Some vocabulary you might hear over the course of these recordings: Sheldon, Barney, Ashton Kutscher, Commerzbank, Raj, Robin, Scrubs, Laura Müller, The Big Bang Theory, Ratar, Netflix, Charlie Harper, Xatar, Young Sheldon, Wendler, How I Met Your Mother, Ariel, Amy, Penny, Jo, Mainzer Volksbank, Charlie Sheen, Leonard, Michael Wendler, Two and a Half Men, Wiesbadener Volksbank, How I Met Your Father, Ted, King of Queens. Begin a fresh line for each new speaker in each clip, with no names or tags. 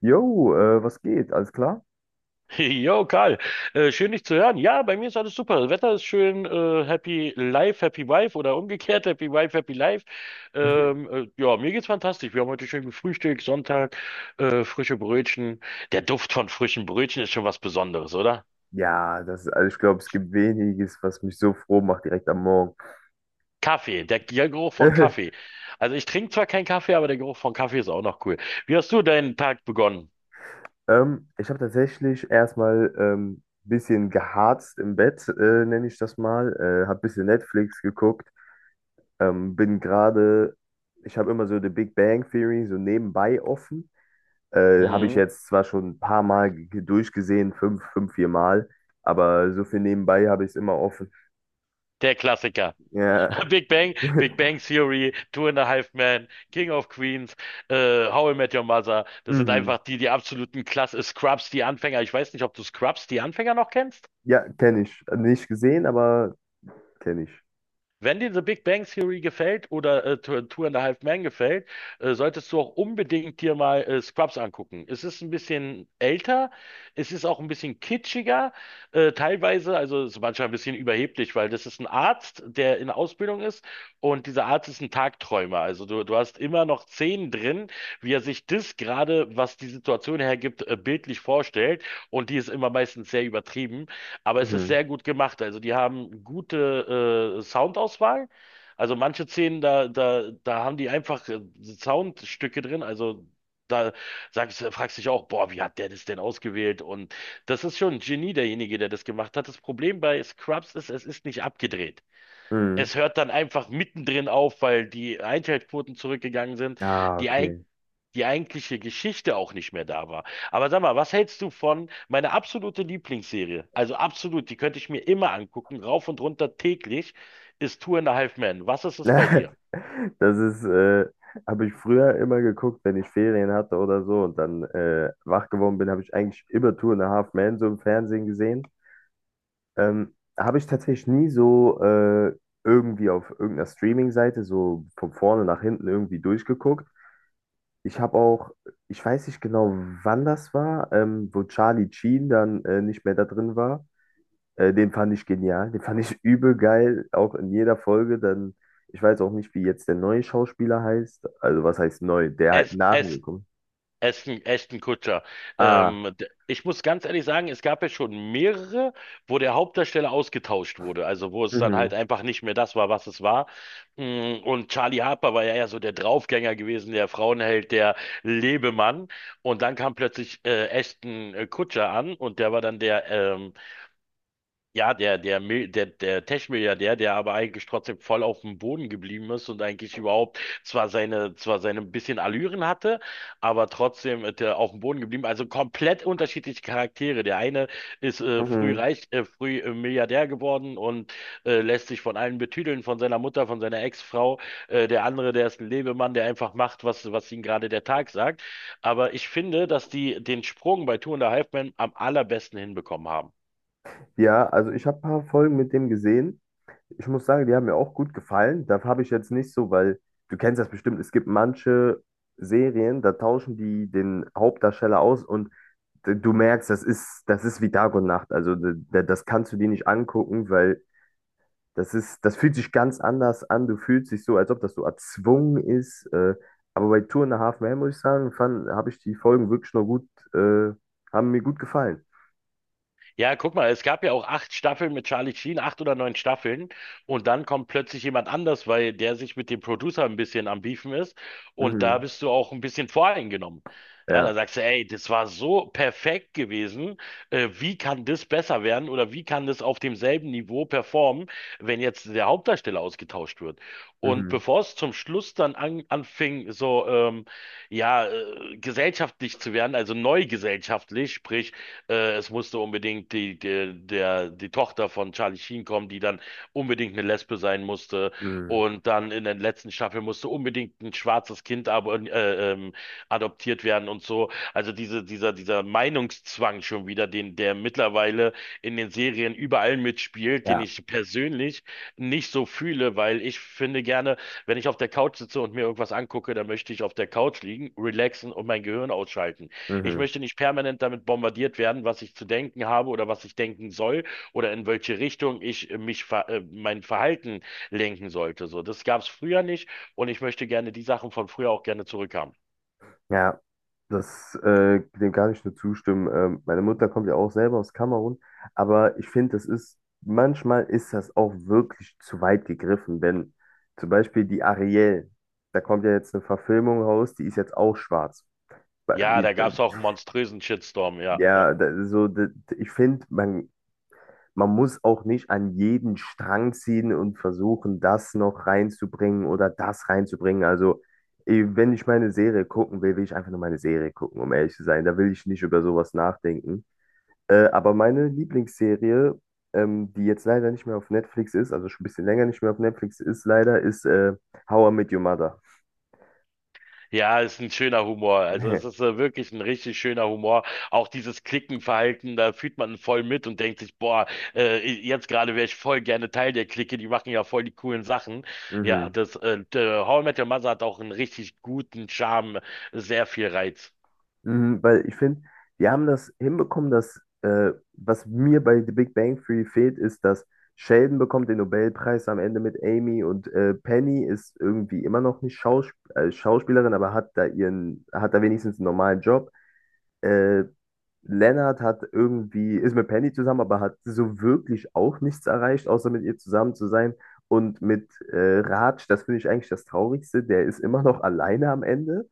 Jo, was geht? Alles klar?
Jo, Karl, schön dich zu hören. Ja, bei mir ist alles super. Das Wetter ist schön, happy life, happy wife oder umgekehrt, happy wife, happy life. Ja, mir geht's fantastisch. Wir haben heute schön gefrühstückt, Sonntag, frische Brötchen. Der Duft von frischen Brötchen ist schon was Besonderes, oder?
Ja, das, also ich glaube, es gibt weniges, was mich so froh macht direkt am Morgen.
Kaffee, der Geruch von Kaffee. Also ich trinke zwar keinen Kaffee, aber der Geruch von Kaffee ist auch noch cool. Wie hast du deinen Tag begonnen?
Ich habe tatsächlich erstmal ein bisschen geharzt im Bett, nenne ich das mal. Habe ein bisschen Netflix geguckt. Ähm, bin gerade, Ich habe immer so The Big Bang Theory so nebenbei offen. Habe ich
Mhm,
jetzt zwar schon ein paar Mal durchgesehen, fünf, vier Mal, aber so viel nebenbei habe ich es immer offen.
der Klassiker.
Ja.
Big Bang Theory, Two and a Half Men, King of Queens, How I Met Your Mother. Das sind
Mhm.
einfach die absoluten Klasse. Scrubs, die Anfänger. Ich weiß nicht, ob du Scrubs, die Anfänger noch kennst.
Ja, kenne ich. Nicht gesehen, aber kenne ich.
Wenn dir The Big Bang Theory gefällt oder Two and a Half Men gefällt, solltest du auch unbedingt dir mal Scrubs angucken. Es ist ein bisschen älter, es ist auch ein bisschen kitschiger, teilweise, also es ist manchmal ein bisschen überheblich, weil das ist ein Arzt, der in Ausbildung ist und dieser Arzt ist ein Tagträumer. Also du hast immer noch Szenen drin, wie er sich das gerade, was die Situation hergibt, bildlich vorstellt und die ist immer meistens sehr übertrieben. Aber es ist
Mhm.
sehr gut gemacht. Also die haben gute Soundauswahl. Also manche Szenen, da haben die einfach Soundstücke drin. Also da fragst dich auch, boah, wie hat der das denn ausgewählt? Und das ist schon ein Genie, derjenige, der das gemacht hat. Das Problem bei Scrubs ist, es ist nicht abgedreht.
Mhm.
Es hört dann einfach mittendrin auf, weil die Einschaltquoten zurückgegangen sind.
Ah,
Die
okay.
Die eigentliche Geschichte auch nicht mehr da war. Aber sag mal, was hältst du von meine absolute Lieblingsserie? Also absolut, die könnte ich mir immer angucken, rauf und runter täglich, ist Two and a Half Men. Was ist es bei dir?
Das ist, äh, Habe ich früher immer geguckt, wenn ich Ferien hatte oder so und dann wach geworden bin, habe ich eigentlich immer Two and a Half Men so im Fernsehen gesehen. Habe ich tatsächlich nie so irgendwie auf irgendeiner Streaming-Seite so von vorne nach hinten irgendwie durchgeguckt. Ich habe auch, Ich weiß nicht genau, wann das war, wo Charlie Sheen dann nicht mehr da drin war. Den fand ich genial, den fand ich übel geil, auch in jeder Folge. Ich weiß auch nicht, wie jetzt der neue Schauspieler heißt. Also was heißt neu? Der halt
Es,
nach mir
es
kommt.
Ashton Kutscher.
Ah,
Ich muss ganz ehrlich sagen, es gab ja schon mehrere, wo der Hauptdarsteller ausgetauscht wurde. Also wo es dann halt
mhm,
einfach nicht mehr das war, was es war. Und Charlie Harper war ja eher so der Draufgänger gewesen, der Frauenheld, der Lebemann. Und dann kam plötzlich Ashton Kutscher an und der war dann der ja, der Tech-Milliardär, der aber eigentlich trotzdem voll auf dem Boden geblieben ist und eigentlich überhaupt zwar seine ein bisschen Allüren hatte, aber trotzdem der auf dem Boden geblieben. Also komplett unterschiedliche Charaktere. Der eine ist früh
mhm.
reich, früh Milliardär geworden und lässt sich von allen betüdeln, von seiner Mutter, von seiner Ex-Frau. Der andere, der ist ein Lebemann, der einfach macht, was ihm gerade der Tag sagt. Aber ich finde, dass die den Sprung bei Two and a Half Men am allerbesten hinbekommen haben.
Ja, also ich habe ein paar Folgen mit dem gesehen. Ich muss sagen, die haben mir auch gut gefallen. Da habe ich jetzt nicht so, weil du kennst das bestimmt, es gibt manche Serien, da tauschen die den Hauptdarsteller aus und du merkst, das ist wie Tag und Nacht. Also das kannst du dir nicht angucken, weil das ist, das fühlt sich ganz anders an. Du fühlst dich so, als ob das so erzwungen ist. Aber bei Two and a Half Men, muss ich sagen, habe ich die Folgen wirklich noch gut, äh, haben mir gut gefallen.
Ja, guck mal, es gab ja auch acht Staffeln mit Charlie Sheen, acht oder neun Staffeln. Und dann kommt plötzlich jemand anders, weil der sich mit dem Producer ein bisschen am Beefen ist. Und da
Mhm.
bist du auch ein bisschen voreingenommen. Ja, da
Ja.
sagst du, ey, das war so perfekt gewesen. Wie kann das besser werden oder wie kann das auf demselben Niveau performen, wenn jetzt der Hauptdarsteller ausgetauscht wird? Und
Mhm.
bevor es zum Schluss dann anfing, so ja, gesellschaftlich zu werden, also neu gesellschaftlich, sprich, es musste unbedingt die Tochter von Charlie Sheen kommen, die dann unbedingt eine Lesbe sein musste.
Mhm.
Und dann in der letzten Staffel musste unbedingt ein schwarzes Kind aber, adoptiert werden und so. Also dieser Meinungszwang schon wieder, der mittlerweile in den Serien überall mitspielt, den
Ja.
ich persönlich nicht so fühle, weil ich finde gerne, wenn ich auf der Couch sitze und mir irgendwas angucke, dann möchte ich auf der Couch liegen, relaxen und mein Gehirn ausschalten. Ich
Mhm.
möchte nicht permanent damit bombardiert werden, was ich zu denken habe oder was ich denken soll oder in welche Richtung ich mich ver mein Verhalten lenken sollte. So, das gab es früher nicht und ich möchte gerne die Sachen von früher auch gerne zurückhaben.
Ja. Dem kann ich nur zustimmen. Meine Mutter kommt ja auch selber aus Kamerun, aber ich finde, manchmal ist das auch wirklich zu weit gegriffen, wenn zum Beispiel die Ariel, da kommt ja jetzt eine Verfilmung raus, die ist jetzt auch schwarz.
Ja, da gab es auch einen monströsen Shitstorm, ja. Ja.
Ja, ich finde, man muss auch nicht an jeden Strang ziehen und versuchen, das noch reinzubringen oder das reinzubringen. Also, eh, wenn ich meine Serie gucken will, will ich einfach nur meine Serie gucken, um ehrlich zu sein. Da will ich nicht über sowas nachdenken. Aber meine Lieblingsserie, die jetzt leider nicht mehr auf Netflix ist, also schon ein bisschen länger nicht mehr auf Netflix ist, leider, ist How I Met Your Mother.
Ja, ist ein schöner Humor. Also es ist wirklich ein richtig schöner Humor. Auch dieses Klickenverhalten, da fühlt man voll mit und denkt sich, boah, jetzt gerade wäre ich voll gerne Teil der Clique, die machen ja voll die coolen Sachen. Ja,
Mhm.
das der How I Met Your Mother hat auch einen richtig guten Charme, sehr viel Reiz.
Mhm, weil ich finde, die haben das hinbekommen, dass was mir bei The Big Bang Theory fehlt, ist, dass Sheldon bekommt den Nobelpreis am Ende mit Amy und Penny ist irgendwie immer noch nicht Schauspielerin, aber hat da wenigstens einen normalen Job. Äh, Leonard hat irgendwie, ist mit Penny zusammen, aber hat so wirklich auch nichts erreicht, außer mit ihr zusammen zu sein. Und mit Raj, das finde ich eigentlich das Traurigste, der ist immer noch alleine am Ende.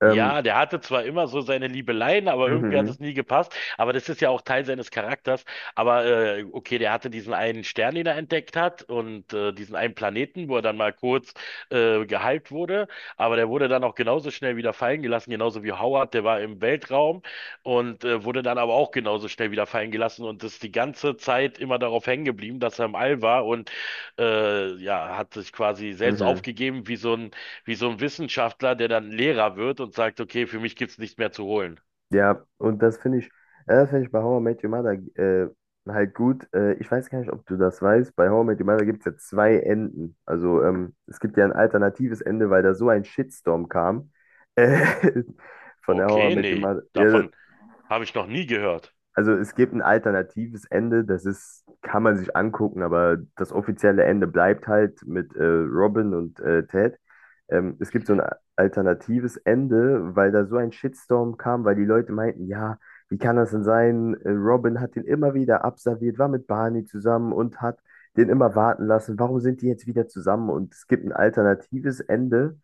Ähm,
Ja, der hatte zwar immer so seine Liebeleien, aber irgendwie hat
mhm,
es nie gepasst. Aber das ist ja auch Teil seines Charakters. Aber okay, der hatte diesen einen Stern, den er entdeckt hat und diesen einen Planeten, wo er dann mal kurz gehypt wurde. Aber der wurde dann auch genauso schnell wieder fallen gelassen, genauso wie Howard. Der war im Weltraum und wurde dann aber auch genauso schnell wieder fallen gelassen und ist die ganze Zeit immer darauf hängen geblieben, dass er im All war und ja, hat sich quasi
mhm,
selbst
mhm.
aufgegeben wie so ein Wissenschaftler, der dann Lehrer wird und sagt, okay, für mich gibt's nichts mehr zu holen.
Ja, das finde ich bei How I Met Your Mother halt gut. Ich weiß gar nicht, ob du das weißt. Bei How I Met Your Mother gibt es ja zwei Enden. Also es gibt ja ein alternatives Ende, weil da so ein Shitstorm kam. Äh, von der How I
Okay,
Met Your
nee,
Mother. Ja,
davon habe ich noch nie gehört.
also es gibt ein alternatives Ende, kann man sich angucken, aber das offizielle Ende bleibt halt mit Robin und Ted. Es gibt so ein alternatives Ende, weil da so ein Shitstorm kam, weil die Leute meinten, ja, wie kann das denn sein? Robin hat den immer wieder abserviert, war mit Barney zusammen und hat den immer warten lassen. Warum sind die jetzt wieder zusammen? Und es gibt ein alternatives Ende,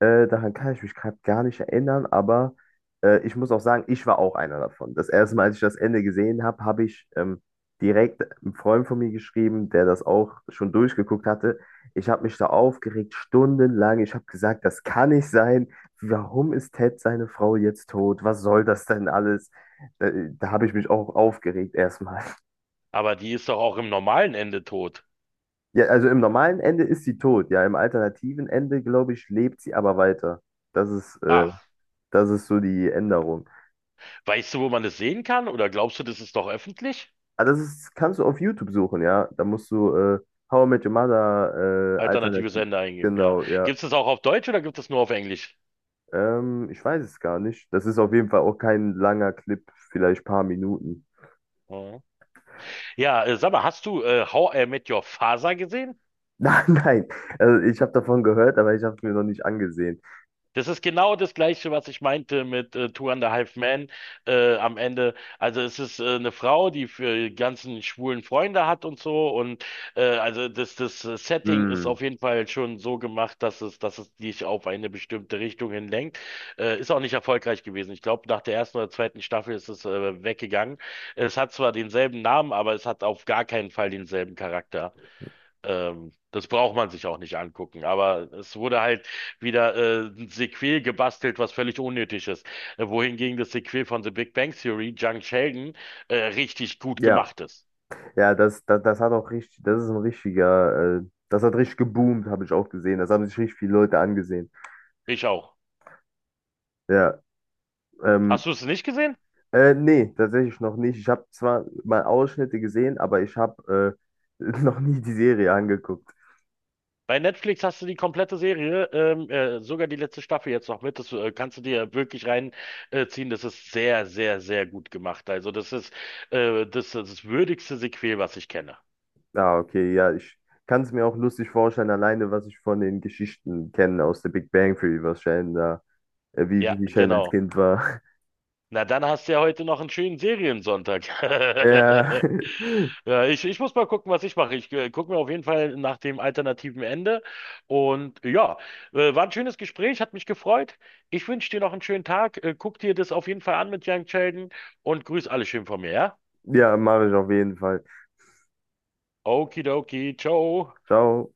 daran kann ich mich gerade gar nicht erinnern, aber ich muss auch sagen, ich war auch einer davon. Das erste Mal, als ich das Ende gesehen habe, habe ich direkt einem Freund von mir geschrieben, der das auch schon durchgeguckt hatte. Ich habe mich da aufgeregt, stundenlang. Ich habe gesagt, das kann nicht sein. Warum ist Ted seine Frau jetzt tot? Was soll das denn alles? Da habe ich mich auch aufgeregt erstmal.
Aber die ist doch auch im normalen Ende tot.
Ja, also im normalen Ende ist sie tot. Ja, im alternativen Ende, glaube ich, lebt sie aber weiter. Das ist äh,
Ah,
Das ist so die Änderung.
weißt du, wo man das sehen kann? Oder glaubst du, das ist doch öffentlich?
Aber das ist, kannst du auf YouTube suchen, ja. Da musst du How I Met Your Mother
Alternatives
Alternativ.
Ende eingeben, ja.
Genau, ja.
Gibt's das auch auf Deutsch oder gibt es nur auf Englisch?
Ich weiß es gar nicht. Das ist auf jeden Fall auch kein langer Clip, vielleicht paar Minuten.
Ja. Ja, Sag mal, hast du How I Met Your Father gesehen?
Nein, nein. Also ich habe davon gehört, aber ich habe es mir noch nicht angesehen.
Das ist genau das Gleiche, was ich meinte mit Two and a Half Men am Ende. Also es ist eine Frau, die für die ganzen schwulen Freunde hat und so. Und also das Setting ist
Hm.
auf jeden Fall schon so gemacht, dass es dich auf eine bestimmte Richtung hin lenkt. Ist auch nicht erfolgreich gewesen. Ich glaube, nach der ersten oder zweiten Staffel ist es weggegangen. Es hat zwar denselben Namen, aber es hat auf gar keinen Fall denselben Charakter. Das braucht man sich auch nicht angucken. Aber es wurde halt wieder ein Sequel gebastelt, was völlig unnötig ist. Wohingegen das Sequel von The Big Bang Theory, Young Sheldon, richtig gut
Ja,
gemacht ist.
das hat auch richtig, das ist ein richtiger, das hat richtig geboomt, habe ich auch gesehen. Das haben sich richtig viele Leute angesehen.
Ich auch.
Ja, ähm,
Hast du es nicht gesehen?
Nee, tatsächlich noch nicht. Ich habe zwar mal Ausschnitte gesehen, aber ich habe noch nie die Serie angeguckt.
Bei Netflix hast du die komplette Serie, sogar die letzte Staffel jetzt noch mit. Das kannst du dir wirklich reinziehen. Ziehen. Das ist sehr, sehr, sehr gut gemacht. Also das ist das würdigste Sequel, was ich kenne.
Ah, okay, ja, ich kann es mir auch lustig vorstellen, alleine was ich von den Geschichten kenne aus der Big Bang Theory, wie,
Ja,
wie Sheldon als
genau.
Kind war.
Na, dann hast du ja heute noch einen schönen Seriensonntag.
Ja,
Ja, ich muss mal gucken, was ich mache. Ich gucke mir auf jeden Fall nach dem alternativen Ende. Und ja, war ein schönes Gespräch, hat mich gefreut. Ich wünsche dir noch einen schönen Tag. Guck dir das auf jeden Fall an mit Young Sheldon und grüß alle schön von mir, ja?
ja, mache ich auf jeden Fall.
Okidoki, ciao.
Ciao.